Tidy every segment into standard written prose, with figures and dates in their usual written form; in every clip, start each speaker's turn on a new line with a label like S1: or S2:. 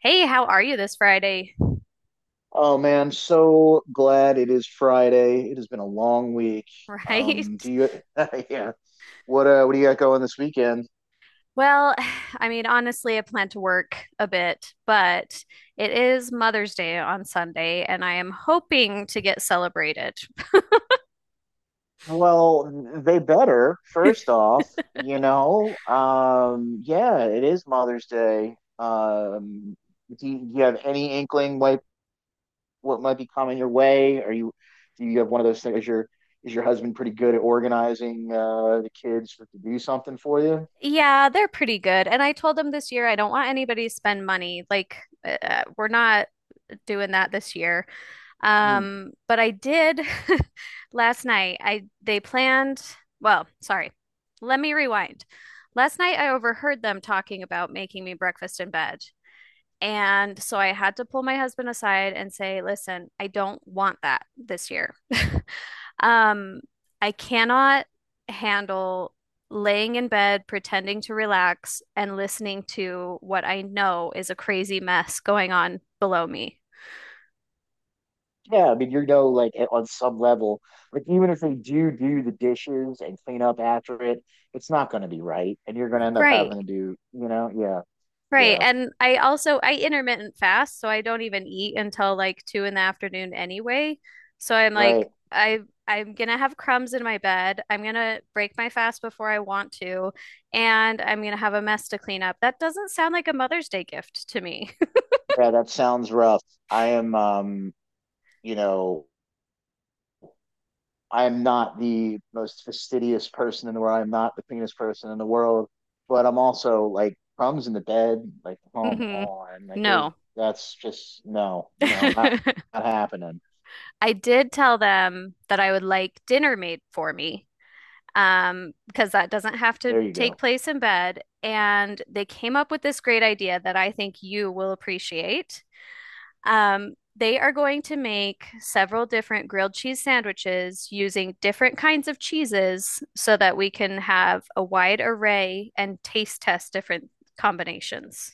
S1: Hey, how are you this Friday?
S2: Oh man, so glad it is Friday. It has been a long week.
S1: Right?
S2: Um, do you, yeah, what do you got going this weekend?
S1: Well, I mean, honestly, I plan to work a bit, but it is Mother's Day on Sunday, and I am hoping to get celebrated.
S2: Well, they better, first off, you know. Yeah, it is Mother's Day. Do you have any inkling what might be coming your way? Are you do you have one of those things? Is your husband pretty good at organizing the kids to do something for you?
S1: Yeah, they're pretty good. And I told them this year I don't want anybody to spend money. Like, we're not doing that this year.
S2: Hmm.
S1: But I did last night. I they planned, well, sorry. Let me rewind. Last night I overheard them talking about making me breakfast in bed. And so I had to pull my husband aside and say, listen, I don't want that this year. Um, I cannot handle laying in bed, pretending to relax, and listening to what I know is a crazy mess going on below me.
S2: Yeah, I mean, you know, like on some level, like even if they do the dishes and clean up after it, it's not going to be right, and you're going to end up
S1: Right.
S2: having to do, you know, yeah,
S1: Right.
S2: yeah,
S1: And I also I intermittent fast, so I don't even eat until like 2 in the afternoon anyway. So I'm like
S2: right,
S1: I'm gonna have crumbs in my bed. I'm gonna break my fast before I want to, and I'm gonna have a mess to clean up. That doesn't sound like a Mother's Day gift to me.
S2: yeah. That sounds rough. I am, you know, I am not the most fastidious person in the world. I'm not the cleanest person in the world, but I'm also like crumbs in the bed. Like, come
S1: Hmm.
S2: on, like there's
S1: No.
S2: that's just no, no, not happening.
S1: I did tell them that I would like dinner made for me, because that doesn't have to
S2: There you
S1: take
S2: go.
S1: place in bed. And they came up with this great idea that I think you will appreciate. They are going to make several different grilled cheese sandwiches using different kinds of cheeses so that we can have a wide array and taste test different combinations.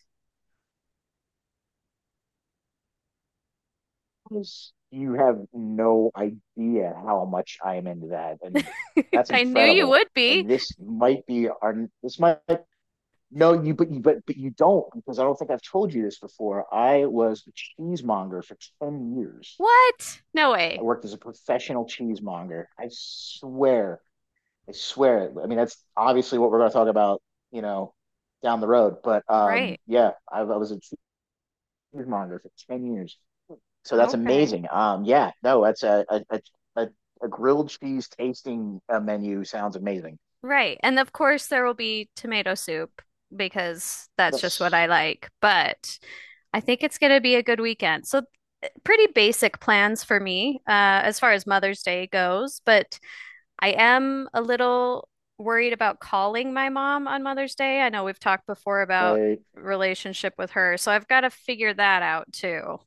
S2: Films, you have no idea how much I am into that, and that's
S1: I knew you
S2: incredible.
S1: would be.
S2: And this might be our this might no you but you but you don't because I don't think I've told you this before. I was a cheesemonger for ten years.
S1: What? No
S2: I
S1: way.
S2: worked as a professional cheesemonger. I swear, I swear. It. I mean, that's obviously what we're going to talk about, you know, down the road. But
S1: Right.
S2: yeah, I was a cheesemonger for ten years, so that's
S1: Okay.
S2: amazing. Yeah, no, that's a a, a a a grilled cheese tasting menu sounds amazing.
S1: Right. And of course, there will be tomato soup because that's just what I
S2: That's
S1: like. But I think it's going to be a good weekend. So, pretty basic plans for me as far as Mother's Day goes. But I am a little worried about calling my mom on Mother's Day. I know we've talked before about
S2: right.
S1: relationship with her. So, I've got to figure that out too.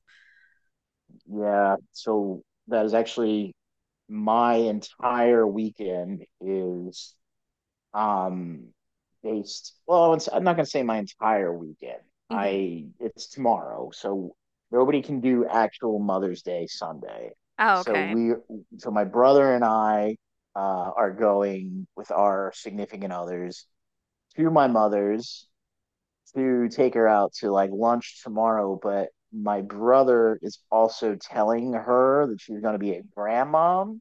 S2: Yeah, so that is actually my entire weekend is um based I'm not going to say my entire weekend
S1: Hmm.
S2: I it's tomorrow, so nobody can do actual Mother's Day Sunday.
S1: Oh,
S2: so
S1: okay.
S2: we so my brother and I are going with our significant others to my mother's to take her out to like lunch tomorrow, but my brother is also telling her that she's going to be a grandmom.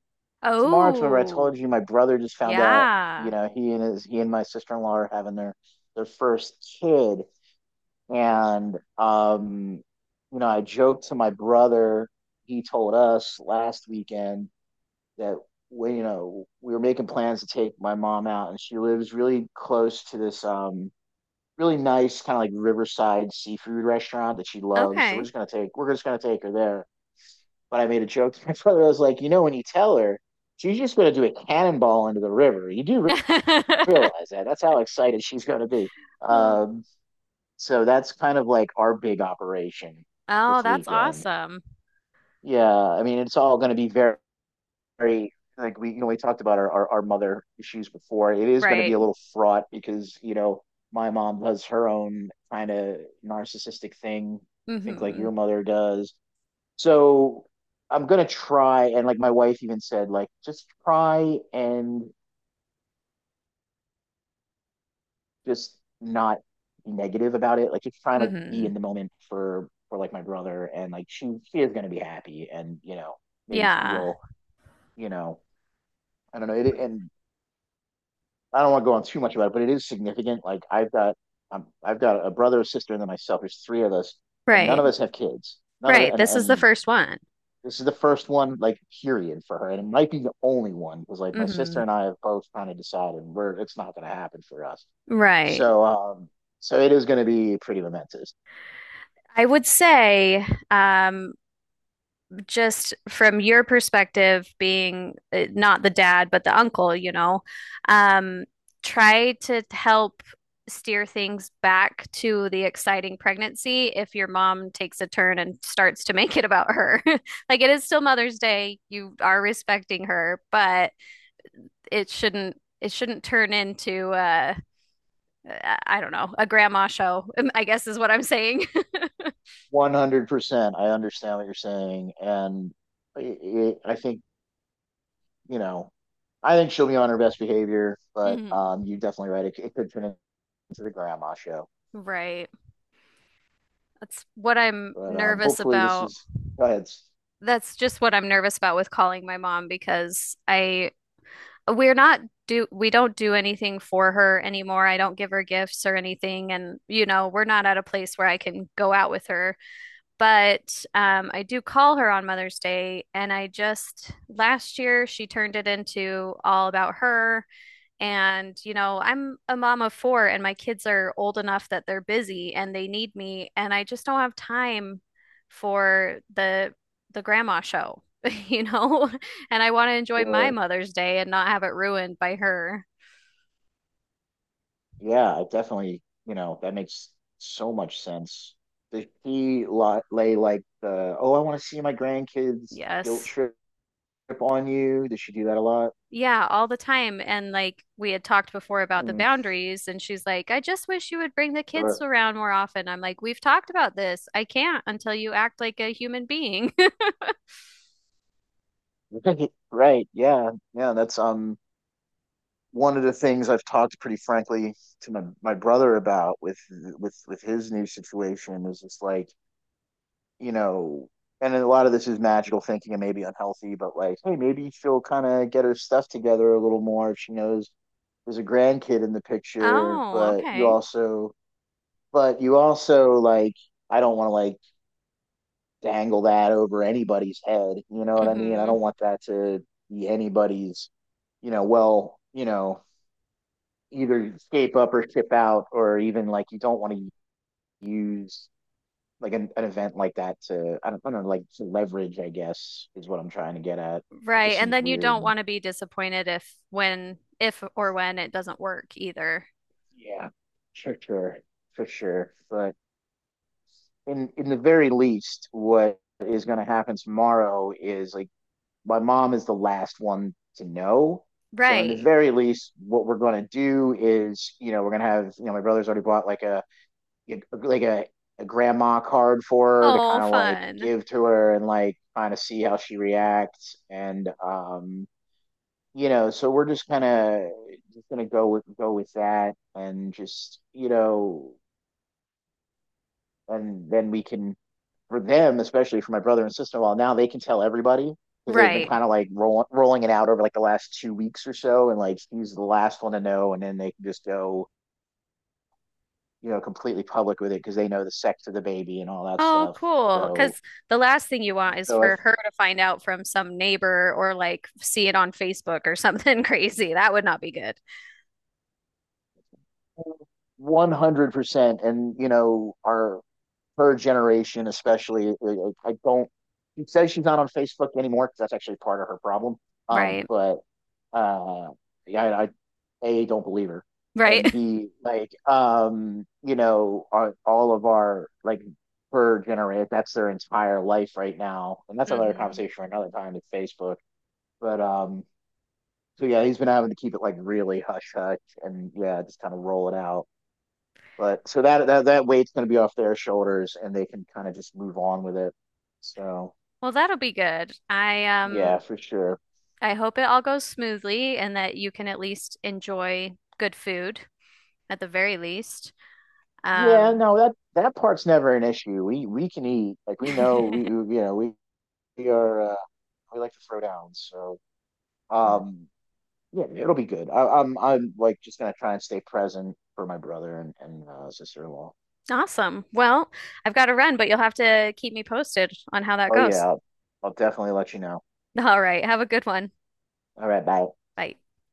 S2: So Marks, remember I
S1: Oh.
S2: told you my brother just found out, you
S1: Yeah.
S2: know, he and my sister-in-law are having their first kid. And you know, I joked to my brother, he told us last weekend that you know, we were making plans to take my mom out, and she lives really close to this really nice kind of like riverside seafood restaurant that she loves. So
S1: Okay.
S2: we're just gonna take her there. But I made a joke to my brother. I was like, you know, when you tell her, she's just going to do a cannonball into the river. You do realize that. That's how excited she's going to be.
S1: Oh.
S2: Um, so that's kind of like our big operation
S1: Oh,
S2: this
S1: that's
S2: weekend.
S1: awesome.
S2: Yeah, I mean, it's all going to be very, very like we you know we talked about our mother issues before. It is going to be
S1: Right.
S2: a little fraught because you know my mom does her own kind of narcissistic thing. I think like
S1: Mm-hmm.
S2: your mother does. So I'm gonna try, and like my wife even said, like just try and just not be negative about it. Like just try and like be
S1: Mm-hmm.
S2: in the moment for like my brother, and like she is gonna be happy, and you know maybe she
S1: Yeah.
S2: will, you know I don't know. It, and I don't want to go on too much about it, but it is significant. Like I've got a brother, a sister, and then myself. There's three of us, and none
S1: Right.
S2: of us have kids. None of it,
S1: Right. This is the
S2: and
S1: first one.
S2: This is the first one, like, period for her. And it might be the only one because, like, my
S1: Mm-hmm.
S2: sister and I have both kind of decided it's not going to happen for us.
S1: Right.
S2: So, so it is going to be pretty momentous.
S1: I would say, um, just from your perspective, being not the dad, but the uncle, um, try to help steer things back to the exciting pregnancy if your mom takes a turn and starts to make it about her. Like it is still Mother's Day, you are respecting her, but it shouldn't turn into I don't know, a grandma show, I guess is what I'm saying.
S2: 100%. I understand what you're saying. And I think, you know, I think she'll be on her best behavior, but
S1: Mhm.
S2: you're definitely right. It could turn into the grandma show.
S1: Right. That's what I'm
S2: But
S1: nervous
S2: hopefully,
S1: about
S2: go ahead.
S1: that's just what I'm nervous about with calling my mom because I we're not do we don't do anything for her anymore. I don't give her gifts or anything, and you know, we're not at a place where I can go out with her. But I do call her on Mother's Day, and I just last year she turned it into all about her. And, you know, I'm a mom of four, and my kids are old enough that they're busy and they need me, and I just don't have time for the grandma show, you know? And I want to enjoy my
S2: Or,
S1: Mother's Day and not have it ruined by her.
S2: yeah, it definitely, you know, that makes so much sense. Did he li lay like the, oh, I want to see my grandkids guilt
S1: Yes.
S2: trip on you? Did she do that a lot?
S1: Yeah, all the time. And like we had talked before about the
S2: Mm,
S1: boundaries, and she's like, I just wish you would bring the kids
S2: sure.
S1: around more often. I'm like, we've talked about this. I can't until you act like a human being.
S2: Right, yeah, yeah. That's one of the things I've talked pretty frankly to my brother about with his new situation is just like you know, and a lot of this is magical thinking and maybe unhealthy, but like, hey, maybe she'll kind of get her stuff together a little more if she knows there's a grandkid in the picture,
S1: Oh, okay.
S2: but you also like, I don't want to like dangle that over anybody's head. You know what I mean? I
S1: Hmm.
S2: don't want that to be anybody's, you know, well, you know, either escape up or ship out, or even like you don't want to use like an event like that to I don't know like to leverage, I guess, is what I'm trying to get at. It
S1: Right.
S2: just
S1: And
S2: seems
S1: then you
S2: weird.
S1: don't want to be disappointed if or when it doesn't work either.
S2: Yeah, sure, sure, for sure. But in the very least, what is going to happen tomorrow is like my mom is the last one to know. So in the
S1: Right.
S2: very least, what we're going to do is you know we're going to have you know my brother's already bought like like a a grandma card for her to kind
S1: Oh,
S2: of like
S1: fun.
S2: give to her and like kind of see how she reacts. And you know, so we're just kind of just gonna go with that, and just you know, and then we can for them, especially for my brother and sister in law, now they can tell everybody because they've been
S1: Right.
S2: kind of like rolling it out over like the last two weeks or so, and like he's the last one to know, and then they can just go you know completely public with it because they know the sex of the baby and all that
S1: Oh,
S2: stuff.
S1: cool.
S2: So
S1: Because the last thing you want is
S2: so I.
S1: for
S2: Th-
S1: her to find out from some neighbor or like see it on Facebook or something crazy. That would not be good.
S2: 100%. And you know our her generation, especially. I don't. She says she's not on Facebook anymore because that's actually part of her problem.
S1: Right.
S2: But uh, yeah, I a don't believe her, and
S1: Right.
S2: b like you know, all of our like her generation, that's their entire life right now, and that's another
S1: Hmm.
S2: conversation for another time with Facebook. But so yeah, he's been having to keep it like really hush hush, and yeah, just kind of roll it out. But so that weight's going to be off their shoulders, and they can kind of just move on with it. So
S1: Well, that'll be good. I um
S2: yeah, for sure.
S1: I hope it all goes smoothly and that you can at least enjoy good food at the very least.
S2: Yeah,
S1: Um
S2: no, that part's never an issue. We can eat like we know we you know we are we like to throw down. So um yeah, it'll be good. I'm like just gonna try and stay present for my brother and sister-in-law.
S1: Awesome. Well, I've got to run, but you'll have to keep me posted on how that
S2: Oh
S1: goes.
S2: yeah, I'll definitely let you know.
S1: All right. Have a good one.
S2: All right, bye.
S1: Bye.